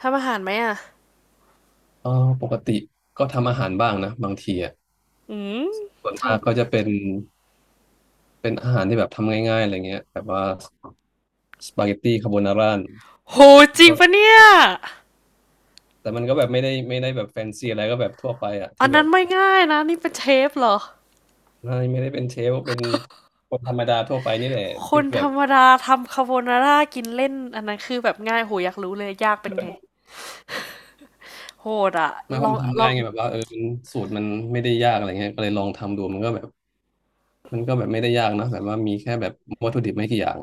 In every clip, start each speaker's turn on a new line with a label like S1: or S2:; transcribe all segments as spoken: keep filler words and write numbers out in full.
S1: ทำอาหารไหมอ่ะ
S2: เออปกติก็ทำอาหารบ้างนะบางทีอ่ะ
S1: อืม
S2: ส่วน
S1: ทำ
S2: มากก็จะเป็นเป็นอาหารที่แบบทำง่ายๆอะไรเงี้ยแบบว่าสปาเกตตี้คาโบนาร่า
S1: โหจริง
S2: ก็
S1: ปะเนี่ย
S2: แต่มันก็แบบไม่ได้ไม่ได้แบบแฟนซีอะไรก็แบบทั่วไปอ่ะ
S1: อั
S2: ที่
S1: น
S2: แบ
S1: นั้น
S2: บ
S1: ไม่ง่ายนะนี่เป็นเชฟเหรอ
S2: ไม่ไม่ได้เป็นเชฟเป็นคนธรรมดาทั่วไปนี่แหละ
S1: ค
S2: ที่
S1: น
S2: แบ
S1: ธร
S2: บ
S1: รมดาทำคาโบนาร่ากินเล่นอันนั้นคือแบบง่ายโหอยากรู้เลยยากเป็นไง โหดอะ
S2: ไม่เพ
S1: ล
S2: ราะ
S1: อง
S2: มันทำ
S1: ลอ
S2: ง่าย
S1: ง
S2: ไงแบบว่าเออมันสูตรมันไม่ได้ยากอะไรเงี้ยก็เลยลองทำดูมันก็แบบมันก็แบบไม่ได้ยากนะแบบว่ามีแค่แบบวัตถุดิบไม่กี่อย่าง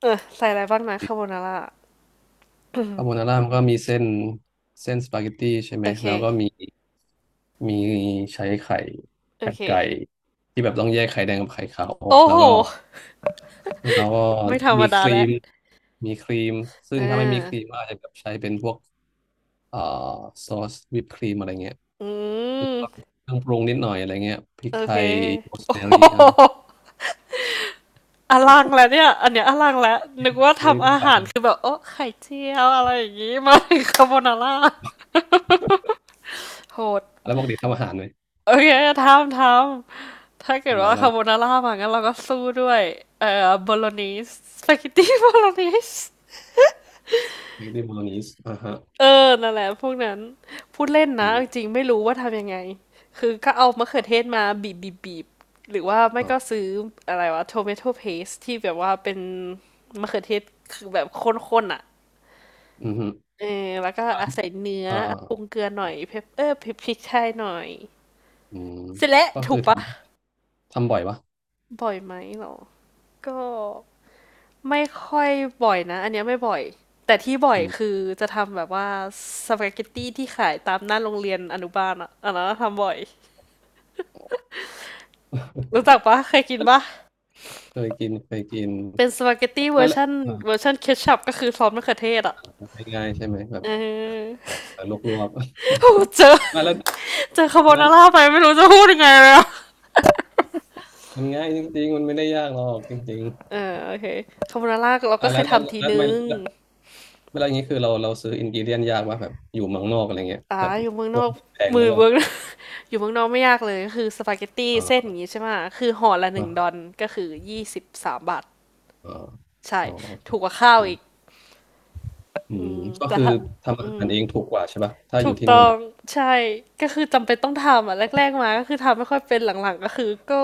S1: เออใส่อะไรบ้างนะคาโบนาร่า
S2: คาโบนาร่ามันก็มีเส้นเส้นสปาเกตตี้ใช่ไหม
S1: โอเค
S2: แล้วก็มีมีใช้ไข่
S1: โอ
S2: ไข่
S1: เค
S2: ไก่ที่แบบต้องแยกไข่แดงกับไข่ขาวออก
S1: โอ้
S2: แล้
S1: โห
S2: วก็แล้วก็
S1: ไม่ธรรม
S2: มีค
S1: ดา
S2: รี
S1: แล้ว
S2: มมีครีมซึ่
S1: เอ
S2: ง
S1: อ
S2: ถ้าไม่มีครีมก็อาจจะแบบใช้เป็นพวกเอ่อซอสวิปครีมอะไรเงี้ย
S1: อื
S2: แล้ว
S1: ม
S2: ก็เครื่องปรุงนิดหน่อยอะไรเงี้ยพริก
S1: โอ
S2: ไท
S1: เค
S2: ยโรส
S1: โอ้
S2: แม
S1: โห
S2: รี่อ่ะ
S1: อลังแล้วเนี่ยอันเนี้ยอลังแล้วนึกว่า
S2: เฮ้ย
S1: ทำ
S2: ต้อง
S1: อา
S2: ไป
S1: หา
S2: เล
S1: รคือ
S2: ย
S1: แบบโอ้ไข่เจียวอะไรอย่างงี้มาคาโบนาร่าโห
S2: แล้
S1: ด
S2: วปกติทำอาหารไหม
S1: โอเคทำทำถ้าเกิด
S2: ทำอะไร
S1: ว่า
S2: บ้า
S1: คา
S2: ง
S1: โบนาร่ามางั้นเราก็สู้ด้วยเอ่อโบโลนีสสปา เกตตี้โบโลนีส
S2: สปาเกตตี้โบโลนีสอ่าฮะ
S1: เออนั่นแหละพวกนั้นพูดเล่น
S2: อื
S1: นะจ
S2: ม
S1: ริงๆไม่รู้ว่าทำยังไงคือก็เอามะเขือเทศมาบีบบีบบีบหรือว่าไม่
S2: อ๋อ
S1: ก็ซื้ออะไรวะ t o เ a t o p a s t ที่แบบว่าเป็นมะเขือเทศคือแบบข้นๆอ่ะ
S2: อืมฮึ
S1: เออแล้วก็อะใส่เนื้อ
S2: เอ่อ
S1: อะปรุงเกลือหน่อย pep เออพริกพริกไทยหน่อย
S2: อืม
S1: เสร็จแล้ว
S2: ก็
S1: ถู
S2: คือ
S1: กเป
S2: ท
S1: ล่า
S2: ำทำบ่อยปะ
S1: บ่อยไหมเหรอ ก็ไม่ค่อยบ่อยนะอันเนี้ยไม่บ่อยแต่ที่บ่อย
S2: อืม
S1: คือจะทำแบบว่าสปาเกตตีที่ขายตามหน้าโรงเรียนอนุบาลอะอันนั้นน่ะทำบ่อยรู้จักเปล่าเคยกินเปล่า
S2: เคยกินเคยกิน
S1: เป็นสปาเกตตีเวอ
S2: มา
S1: ร์
S2: แล้ว
S1: ชัน
S2: อ่า
S1: เวอร์ชัน Ketchup ก็คือซอสมะเขือเทศอะ
S2: ง่ายๆใช่ไหมแบบ
S1: เออ
S2: เออลวก
S1: โอ้โฮเจอ
S2: ๆ มาแล้ว
S1: เจอคาร์โบ
S2: มา
S1: นาราไปไม่รู้จะพูดยังไงเลยอะ
S2: มันง่ายจริงๆมันไม่ได้ยากหรอกจริง
S1: เออโอเคคาร์โบนารา
S2: ๆ
S1: เรา
S2: อ่ะ
S1: ก็เค
S2: แล้ว
S1: ย
S2: แล้ว
S1: ทำที
S2: แล้ว
S1: ห
S2: ไม่
S1: นึ่ง
S2: แล้วเวลาอย่างนี้คือเราเราซื้ออินกิเดียนยากว่าแบบอยู่เมืองนอกอะไรเงี้ย
S1: อ่า
S2: แบบ
S1: อยู่เมือง
S2: ค
S1: น
S2: ว
S1: อ
S2: ร
S1: ก
S2: แพงห
S1: มื
S2: รื
S1: อ
S2: อเปล่า
S1: เมือง อยู่เมืองนอกไม่ยากเลยก็คือสปาเกตตี้
S2: อ่
S1: เส้นอ
S2: า
S1: ย่างนี้ใช่ไหมคือห่อละห
S2: อ่
S1: นึ่งดอ
S2: า
S1: นก็คือยี่สิบสามบาท
S2: อ่า
S1: ใช่
S2: อ๋อโอเค
S1: ถูกกว่าข้าว
S2: อื
S1: อี
S2: ม
S1: ก
S2: อืมก็
S1: แต่
S2: คือ
S1: ถ้า
S2: ทำอา
S1: อื
S2: หา
S1: ม
S2: รเองถูกกว่าใช่ปะถ้าอ
S1: ถู
S2: ยู่
S1: ก
S2: ที่
S1: ต้
S2: นู่น
S1: อง
S2: อ่ะ
S1: ใช่ก็คือจำเป็นต้องทำอ่ะแรกๆมาก็คือทำไม่ค่อยเป็นหลังๆก็คือก็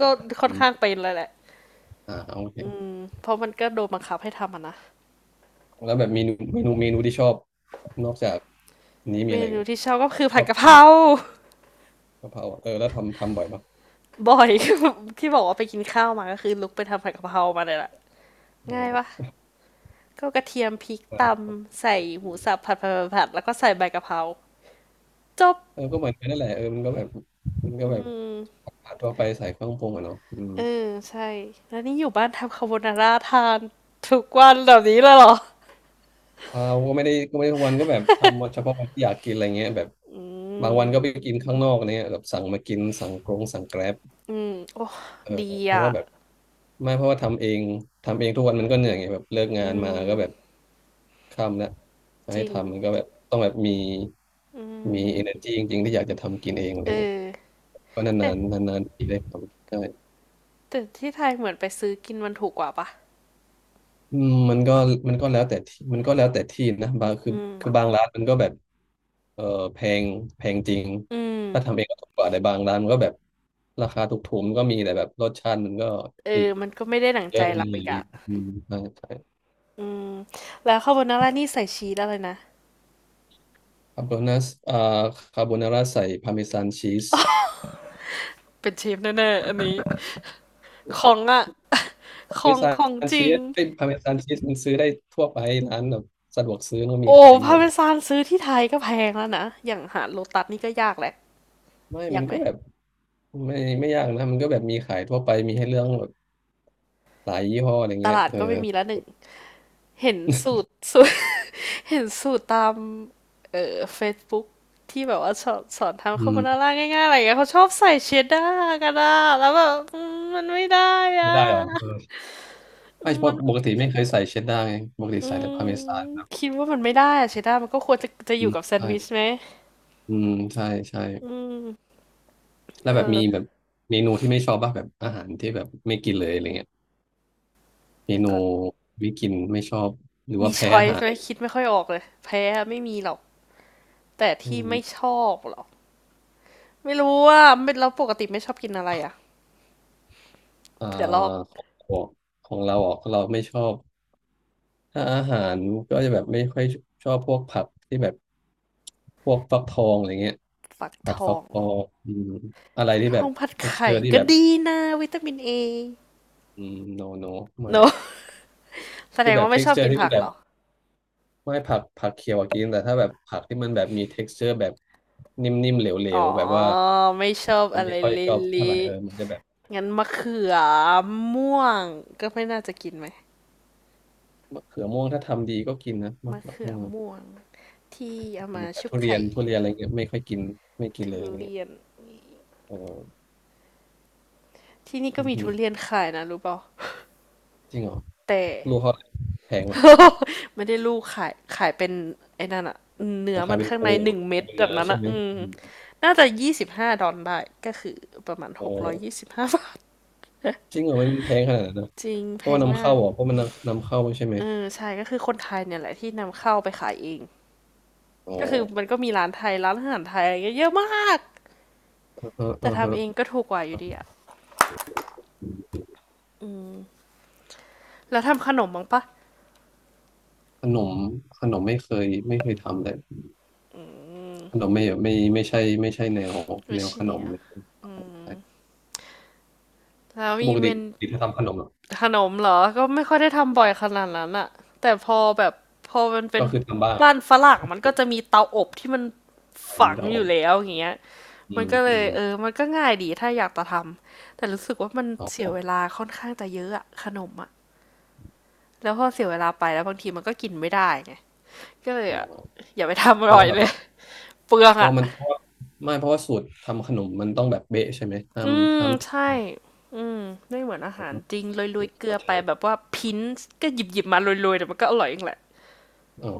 S1: ก็ค่อ
S2: อื
S1: นข้าง
S2: ม
S1: เป็นเลยแหละ
S2: อ่าโอเค
S1: เพราะมันก็โดนบังคับให้ทำอ่ะนะ
S2: แล้วแบบเมนูเมนูเมนูที่ชอบนอกจากนี้มี
S1: เม
S2: อะไรอีก
S1: นู
S2: ไหม
S1: ที่ชอบก็คือ
S2: ช
S1: ผั
S2: อ
S1: ด
S2: บ
S1: กะเพ
S2: กิน
S1: รา
S2: กะเพราอะเออแล้วทำทำบ่อยปะ
S1: บ่อย ที่บอกว่าไปกินข้าวมาก็คือลุกไปทำผัดกะเพรามาเลยแหละ
S2: เ
S1: ง่ายปะ
S2: ออ
S1: ก็กระเทียมพริกต
S2: เออ
S1: ำใส่หมูสับผัดผัดผัดผัดแล้วก็ใส่ใบกะเพราจบ
S2: เออก็เหมือนกันนั่นแหละเออมันก็แบบมันก็แบบผัดทั่วไปใส่เครื่องปรุงอะเนาะอืม
S1: เออใช่แล้วนี่อยู่บ้านทำคาโบนาร่าทานทุกวันแบบนี้เลยเหรอ
S2: เราก็ไม่ได้ก็ไม่ได้ทุกวันก็แบบทำเฉพาะวันที่อยากกินอะไรเงี้ยแบบบางวันก็ไปกินข้างนอกอะไรเงี้ยแบบสั่งมากินสั่งกรงสั่งแกร็บ
S1: อืมโอ้
S2: เออ
S1: ดี
S2: เพราะ
S1: อ่ะ
S2: ว่าแบบไม่เพราะว่าทำเองทำเองทุกวันมันก็เหนื่อยไงแบบเลิก
S1: อื
S2: งานมา
S1: ม
S2: ก็แบบค่ำแล้วจะ
S1: จ
S2: ให้
S1: ริง
S2: ทำมันก็แบบต้องแบบมีมี energy จริงๆ ที่อยากจะทำกินเองอะไร
S1: เอ
S2: เงี้ย
S1: อ
S2: ก็นา
S1: แต่
S2: นๆนานๆทีได้ทำใช่
S1: แต่ที่ไทยเหมือนไปซื้อกินมันถูกกว่าปะ
S2: อืมมันก็มันก็แล้วแต่ที่มันก็แล้วแต่ที่นะบางคือ
S1: อื
S2: คือ
S1: ม
S2: บางร้านมันก็แบบเออแพงแพงจริง
S1: อืม
S2: ถ้าทำเองก็ถูกกว่าแต่บางร้านมันก็แบบราคาถูกๆมันก็มีแต่แบบรสชาติมันก็
S1: เออ
S2: อีก
S1: มันก็ไม่ได้หนังใจ
S2: เรื่องห
S1: เรา
S2: นึงอ
S1: อี
S2: ย่า
S1: ก
S2: ง
S1: อ่ะ
S2: เงี้ยอืมใช่ใช่
S1: อืมแล้วคาโบนาร่านี่ใส่ชีสอะไรนะ
S2: คาโบนาอ่าคาโบนาร่าใส่พาร์เมซานชีส
S1: เป็นชีสแน่ๆอันนี้ของอ่ะ ข
S2: พาร์เม
S1: อง
S2: ซา
S1: ของ
S2: น
S1: จ
S2: ชี
S1: ริง
S2: สไอ้พาร์เมซานชีสมันซื้อได้ทั่วไปร้านแบบสะดวกซื้อมันก็มี
S1: โอ้
S2: ขายหม
S1: พา
S2: ด
S1: เม
S2: อะ
S1: ซานซื้อที่ไทยก็แพงแล้วนะ อย่างหาโลตัสนี่ก็ยากแหละ
S2: ไม่
S1: ยา
S2: มั
S1: ก
S2: น
S1: ไหม
S2: ก็แบบไม่ไม่ยากนะมันก็แบบมีขายทั่วไปมีให้เลือกแบบหลายยี่ห้ออะไร
S1: ต
S2: เงี้ย
S1: ลาด
S2: เออ
S1: ก็ไม่มีละหนึ่ง เห็นสูตร สูตร เห็นสูตรตามเอ่อ Facebook ที่แบบว่าสอนสอนทำ
S2: อื
S1: คาโบนา
S2: ม
S1: ร่าง่ายๆอะไรอย่างเงี้ยเขาชอบใส่เชดดาร์กันอะแล้วแบบอืมมันไม่ได้อ
S2: ไม่ได้หรอเอ
S1: ะ
S2: อไม่เพ
S1: มั
S2: ราะ
S1: น
S2: ปกติไม่เคยใส่เชดดาร์ไงปกติ
S1: อื
S2: ใส่แต่พา
S1: ม
S2: ร์เมซานครับ
S1: คิดว่ามันไม่ได้อะเชดดาร์มันก็ควรจะจะอ
S2: อื
S1: ยู่
S2: ม
S1: กับแซน
S2: ใช่
S1: ด์วิชไหม
S2: อืมใช่ใช่
S1: อืม
S2: แล้ว
S1: เอ
S2: แบบ
S1: อ
S2: มีแบบเมนูที่ไม่ชอบบ้างแบบอาหารที่แบบไม่กินเลยอะไรเงี้ยเม
S1: นึก
S2: นู
S1: ก่อน
S2: ไม่กินไม่ชอบหรือ
S1: มี
S2: ว่าแพ้
S1: ช้อ
S2: อา
S1: ย
S2: หาร
S1: ส์ไห
S2: อะ
S1: ม
S2: ไร
S1: คิดไม่ค่อยออกเลยแพ้อะไม่มีหรอก แต่
S2: ไม่
S1: ที่
S2: มี
S1: ไม่ชอบหรอไม่รู้ว่าเป็นเราปกติไม่ชอบกินอะไรอะ่ะ
S2: อ่า
S1: เผื่อลอก
S2: ของของของเราออกเราไม่ชอบถ้าอาหารก็จะแบบไม่ค่อยชอบพวกผักที่แบบพวกฟักทองอะไรเงี้ย
S1: ฝัก
S2: ผั
S1: ท
S2: ด
S1: อ
S2: ฟัก
S1: ง
S2: ท
S1: หร
S2: อ
S1: อ
S2: งอืมอะไร
S1: ฝัก
S2: ที่
S1: ท
S2: แบ
S1: อ
S2: บ
S1: งผัด
S2: texture ทกซ์เจ
S1: ไข่
S2: อร์ที่
S1: ก็
S2: แบบ
S1: ดีนะวิตามินเอ
S2: อืม no no ไม่
S1: โนแสด
S2: คือ
S1: ง
S2: แบบ
S1: ว่าไม่ชอบกิ
S2: texture
S1: น
S2: ที่มั
S1: ผั
S2: น
S1: ก
S2: แบ
S1: หร
S2: บ
S1: อ
S2: ไม่ผักผักเขียวอะกินแต่ถ้าแบบผักที่มันแบบมี texture แบบนิ่มๆเหลว
S1: อ๋อ
S2: ๆ แบบว่า
S1: ไม่ชอบ
S2: มัน
S1: อะไร
S2: ไม่ค่อย
S1: เ
S2: ชอบเท่าไหร่
S1: ละ
S2: เออมันจะแบบ
S1: ๆงั้นมะเขือม่วงก็ไม่น่าจะกินไหม
S2: มะเขือม่วงถ้าทำดีก็กินนะมะ
S1: มะ
S2: เขือ
S1: เขือ
S2: ม่วง
S1: ม่วงที่เอา
S2: อื
S1: มา
S2: มแต่
S1: ชุบ
S2: ทุเรีย
S1: ไข่
S2: นทุเรียนอะไรเงี้ยไม่ค่อยกินไม่กินเล
S1: ทุ
S2: ยอะไรเงี้
S1: เรี
S2: ย
S1: ยน
S2: เออ
S1: ที่นี่ก็
S2: อือ
S1: มี
S2: ฮึ
S1: ทุเรียนขายนะรู้เปล่า
S2: จริงเหรอ
S1: แต่
S2: ลูกเขาแพงป่ะ
S1: ไม่ได้ลูกขายขายเป็นไอ้นั่นอะเนื้อ
S2: เขาขา
S1: มั
S2: ย
S1: น
S2: เป็น
S1: ข้า
S2: โพ
S1: งในหนึ่งเม็
S2: ขา
S1: ด
S2: ยเป็น
S1: แบ
S2: เนื้
S1: บ
S2: อ
S1: นั้น
S2: ใช่
S1: อะ
S2: ไหม
S1: อืม
S2: อืม
S1: น่าจะยี่สิบห้าดอลลาร์ได้ก็คือประมาณห
S2: โอ้
S1: กร้อยยี่สิบห้าบาท
S2: จริงเหรอมันแพงขนาดนั้นนะ
S1: จริง
S2: เพ
S1: แพ
S2: ราะว่า
S1: ง
S2: นำ
S1: มา
S2: เข้า
S1: ก
S2: เหรอเพราะมันนำนำเข้าใช่ไหม
S1: เออใช่ก็คือคนไทยเนี่ยแหละที่นำเข้าไปขายเอง
S2: อ๋อ
S1: ก็คือมันก็มีร้านไทยร้านอาหารไทยอะไรเงี้ยเยอะมาก
S2: อือฮะ
S1: แต่
S2: อือฮะ
S1: ทำเองก็ถูกกว่าอยู่ดีอะแล้วทำขนมบ้างปะ
S2: ขนมขนมไม่เคยไม่เคยทำเลยขนมไม่ไม่ไม่ใช่ไม่ใช่แนว
S1: ไม่
S2: แนว
S1: ใช่
S2: ขน
S1: เนี่
S2: ม
S1: ย
S2: เลยใช่
S1: แล้วมี
S2: ปก
S1: เม
S2: ติ
S1: น
S2: ปกติถ้าทำขนมเหรอะ
S1: ขนมเหรอก็ไม่ค่อยได้ทำบ่อยขนาดนั้นอะแต่พอแบบพอมันเป็น
S2: ก็คือทำบ้าง
S1: บ้านฝรั่งมันก็จะมีเตาอบที่มันฝั
S2: มี
S1: ง
S2: เตา
S1: อ
S2: อ
S1: ยู่
S2: บ
S1: แล้วอย่างเงี้ย
S2: อื
S1: มัน
S2: ม
S1: ก็เล
S2: อื
S1: ย
S2: ม
S1: เออมันก็ง่ายดีถ้าอยากจะทำแต่รู้สึกว่ามัน
S2: อ๋
S1: เสี
S2: ออ
S1: ยเวลาค่อนข้างจะเยอะอะขนมอะแล้วพอเสียเวลาไปแล้วบางทีมันก็กินไม่ได้ไงก็เลย
S2: ๋อ
S1: อะอย่าไปทำอ
S2: เพราะ
S1: ร่อย
S2: ว่าแบ
S1: เล
S2: บ
S1: ย
S2: ว่า
S1: เปลือง
S2: เพราะ
S1: อะ
S2: ว่ามันเพราะว่าไม่เพราะว่าสูตรทำขนมมันต้องแบบเบ๊ะใช่ไหมห้าม
S1: อืม
S2: ห้ามผิด
S1: ใช่อืมไม่เหมือนอาหารจริงโรยๆเกลื
S2: เข้า
S1: อ
S2: ใจ
S1: ไปแบบว่าพิ้นก็หยิบๆมาโรยๆแต่มันก็อร่อยเองแหละ
S2: อ๋อ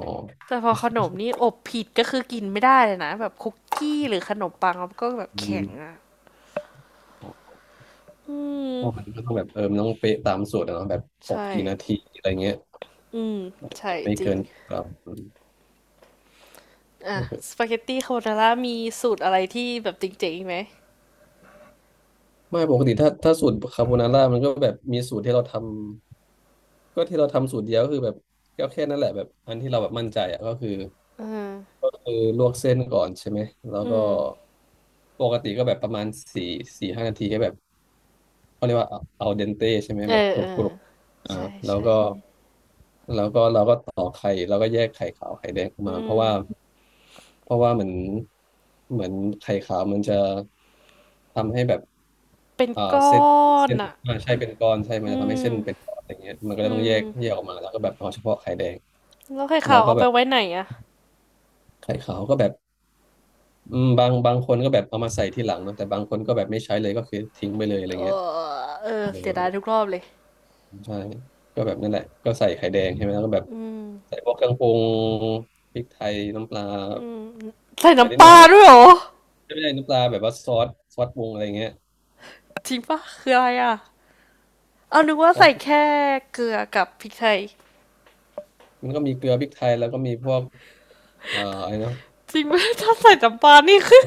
S1: แต่พอขนมนี่อบผิดก็คือกินไม่ได้เลยนะแบบคุกกี้หรือขนมปังมันก็แบบ
S2: อื
S1: แข็
S2: ม
S1: งอ่ะ
S2: เพ
S1: อืม
S2: ราะมันก็ต้องแบบเออมันต้องเป๊ะตามสูตรอะเนาะแบบอบ
S1: ใช่
S2: กี่นาทีอะไรเงี้ย
S1: อืมใช่
S2: ไม่
S1: จริ
S2: เกิ
S1: ง
S2: นครับ
S1: อ่ะสปาเกตตี้คาโบนาร่ามีสูตรอะไรที่แบบจริงๆไหม
S2: ไม่ปกติถ้าถ้าสูตรคาโบนาร่ามันก็แบบมีสูตรที่เราทำก็ที่เราทำสูตรเดียวก็คือแบบก็แค่นั้นแหละแบบอันที่เราแบบมั่นใจอ่ะก็คือก็คือลวกเส้นก่อนใช่ไหมแล้ว
S1: อื
S2: ก็
S1: ม
S2: ปกติก็แบบประมาณสี่สี่ห้านาทีก็แบบเขาเรียกว่าเอาเดนเตใช่ไหม
S1: เอ
S2: แบบ
S1: อ
S2: กรุ
S1: เอ
S2: บก
S1: อ
S2: รุบอ่า
S1: ใช่
S2: แล้ว
S1: ใช่
S2: ก็แล้วก็เราก็ต่อกไข่แล้วก็แยกไข่ขาวไข่แดงออก
S1: อื
S2: มาเพราะว่า
S1: ม
S2: เพราะว่าเหมือนเหมือนไข่ขาวมันจะทำให้แบบ
S1: เป็น
S2: เอ่อ
S1: ก้อ
S2: เส้น
S1: น
S2: เส้น
S1: อ่ะ
S2: อ่าใช่เป็นก้อนใช่มั
S1: อื
S2: นจะทำให้เส้นเป็น
S1: ม
S2: ก้อนอย่างเงี้ยมันก็เลย
S1: อื
S2: ต้องแยก
S1: ม
S2: แยกออกมาแล้วก็แบบเอาเฉพาะไข่แดง
S1: แล้วไข่
S2: แล้
S1: ขา
S2: ว
S1: ว
S2: ก็
S1: เอา
S2: แบ
S1: ไป
S2: บ
S1: ไว้ไหนอ่ะ
S2: ไข่ขาวก็แบบอืมบางบางคนก็แบบเอามาใส่ที่หลังเนอะแต่บางคนก็แบบไม่ใช้เลยก็คือทิ้งไปเลยอะไรเงี้ย
S1: เออ
S2: เออ
S1: เสียดายทุกรอบเลย
S2: ใช่ก็แบบนั่นแหละก็ใส่ไข่แดงใช่ไหมแล้วก็แบบใส่พวกเครื่องปรุงพริกไทยน้ำปลา
S1: ใส่
S2: ไม่นิ
S1: น้ำ
S2: ด
S1: ป
S2: หน่อ
S1: ลา
S2: ยแล้ว
S1: ด้วยเหรอ
S2: ไม่ได้น้ำปลาแบบว่าซอสซอสปรุงอะไรเงี้ย
S1: จริงปะคืออะไรอ่ะเอานึกว่า
S2: ซอ
S1: ใส่
S2: ส
S1: แค่เกลือกับพริกไทย
S2: มันก็มีเกลือพริกไทยแล้วก็มีพวกเอ่ออะไรนะ
S1: จริงไหมถ้าใส่น้ำปลานี่คือ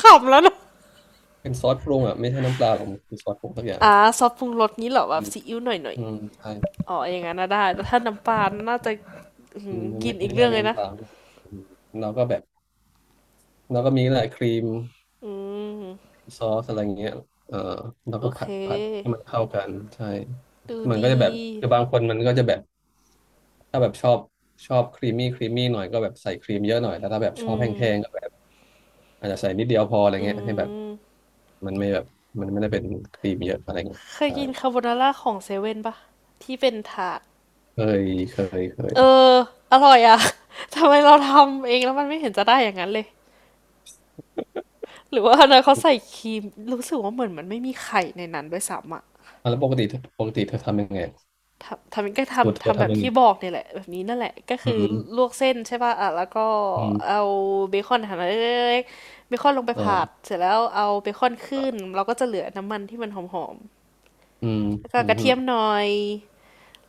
S1: ขำแล้วนะ
S2: เป็นซอสปรุงอ่ะไม่ใช่น้ำปลาหรอกมันคือซอสปรุงสักอย่าง
S1: อ่าซอสปรุงรสนี้เหรอแบ
S2: อื
S1: บ
S2: ม
S1: ซีอิ๊วหน่อยหน่อย
S2: อืมใช่
S1: ๆอ๋ออย่างนั้นนะได้แต่ถ้าน้ำปลาน่าจะ
S2: อืม
S1: กิ
S2: ไม่
S1: นอี
S2: ไม่
S1: ก
S2: ใช่
S1: เรื่อง
S2: ไม่
S1: เลย
S2: น้ำ
S1: นะ
S2: ปลาอืมเราก็แบบเราก็มีแหละครีม
S1: อืม
S2: ซอสอะไรอย่างเงี้ยเออเรา
S1: โอ
S2: ก็
S1: เค
S2: ผัดผัดให้มันเข้ากันใช่
S1: ดู
S2: มันก็
S1: ดี
S2: จะแบบคือบางคนมันก็จะแบบถ้าแบบชอบชอบครีมมี่ครีมมี่หน่อยก็แบบใส่ครีมเยอะหน่อยแต่ถ้าแบบช
S1: อื
S2: อบแห้งๆก็
S1: ม
S2: แบบอาจจะใส่นิดเดียวพออะไร
S1: อื
S2: เงี้ยให้แบบ
S1: ม
S2: มันไม่แบบมันไม่ได้เป็นครีมเยอะอะไรเงี้ย
S1: เคย
S2: ใช่
S1: กินคาโบนาร่าของเซเว่นปะที่เป็นถาด
S2: เคยเคยเค
S1: เอ
S2: ย
S1: ออร่อยอะ ทำไมเราทำเองแล้วมันไม่เห็นจะได้อย่างนั้นเลยหรือว่าอันนั้นเขาใส่ครีมรู้สึกว่าเหมือนมันไม่มีไข่ในนั้นด้วยซ้ำอะ
S2: อ่ะแล้วปกติปกติเธอทำยังไง
S1: ทำทำก็
S2: สูตร
S1: ทำ
S2: เธอ
S1: ทำแบบ
S2: ทำยังไง
S1: ที่บอกเนี่ยแหละแบบนี้นั่นแหละก็
S2: อื
S1: คือล
S2: ม
S1: วกเส้นใช่ป่ะอ่ะแล้วก็
S2: อื
S1: เอา
S2: ม
S1: เบคอนหั่นเล็กๆเบคอนลงไป
S2: เอ
S1: ผัด
S2: อ
S1: เสร็จแล้วเอาเบคอนขึ้นเราก็จะเหลือน้ำมันที่มันหอม
S2: อืม
S1: ๆแล้วก็
S2: อื
S1: ก
S2: ม
S1: ระ
S2: ฮึ
S1: เทียมหน่อย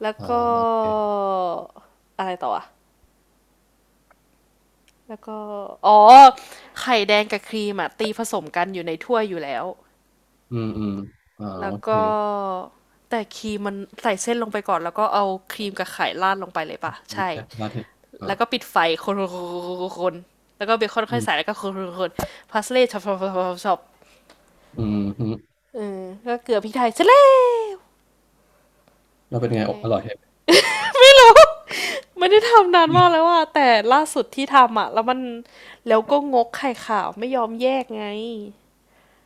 S1: แล้ว
S2: อ่า
S1: ก็
S2: โอเค
S1: อะไรต่ออ่ะแล้วก็อ๋อไข่แดงกับครีมอ่ะตีผสมกันอยู่ในถ้วยอยู่แล้ว
S2: อืมอืมอ่า
S1: แล้
S2: โอ
S1: ว
S2: เค
S1: ก็แต่ครีมมันใส่เส้นลงไปก่อนแล้วก็เอาครีมกับไข่ราดลงไปเลยป่ะใช่
S2: แซ่บมาเทศอ่า
S1: แล้วก็ปิดไฟคนคนแล้วก็เบคอน
S2: อื
S1: ค่อยใส่
S2: ม
S1: แล้วก็คนคนพาสเล่ช็อปชอชอชอ
S2: อืมฮึ
S1: เออก็เกลือพริกไทยเสร็แล้ว
S2: แล้วเป็น
S1: นั่
S2: ไง
S1: น
S2: อ
S1: แห
S2: บ
S1: ละ
S2: อร่อยไหม
S1: ไม่ได้ทำนานมากแล้วอ่ะแต่ล่าสุดที่ทำอ่ะแล้วมันแล้วก็งกไข่ขาวไม่ยอมแยกไง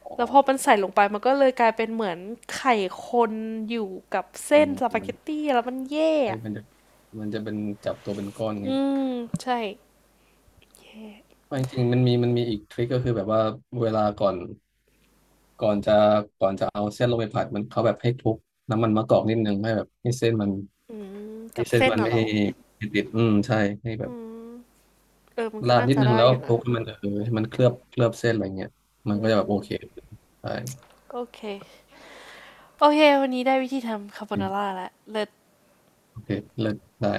S2: อ๋อ
S1: แล้วพอมันใส่ลงไปมันก็เลยกลายเป็นเหมือนไข่คนอยู่กับ
S2: อื
S1: เส้น
S2: ม
S1: ส
S2: อื
S1: ปาเกต
S2: ม
S1: ตี้แล้วมันแย
S2: ใช่
S1: ก
S2: มันจะมันจะเป็นจับตัวเป็นก้อนไง
S1: อืมใช่
S2: ไม่จริงๆมันมีมันมีอีกทริคก็คือแบบว่าเวลาก่อนก่อนจะก่อนจะเอาเส้นลงไปผัดมันเขาแบบให้คลุกน้ำมันมะกอกนิดนึงให้แบบให้เส้นมัน
S1: อืม
S2: ให้
S1: กับ
S2: เส้น
S1: เส้น
S2: มัน
S1: น่ะ
S2: ไม่
S1: เหรอ
S2: ไม่ติดอืมใช่ให้แบบ
S1: เออมันก็
S2: ราด
S1: น่า
S2: นิด
S1: จะ
S2: นึง
S1: ได้
S2: แล้ว
S1: อยู่
S2: คลุ
S1: นะ
S2: กให้มันเออให้มันเคลือบเคลือบเส้นอะไรเงี้ยมันก็จะแบบโอเคใช่
S1: โอเค โอเค วันนี้ได้วิธีทำคาโบนาร่าแล้วเลิศ
S2: โอเคเลิกได้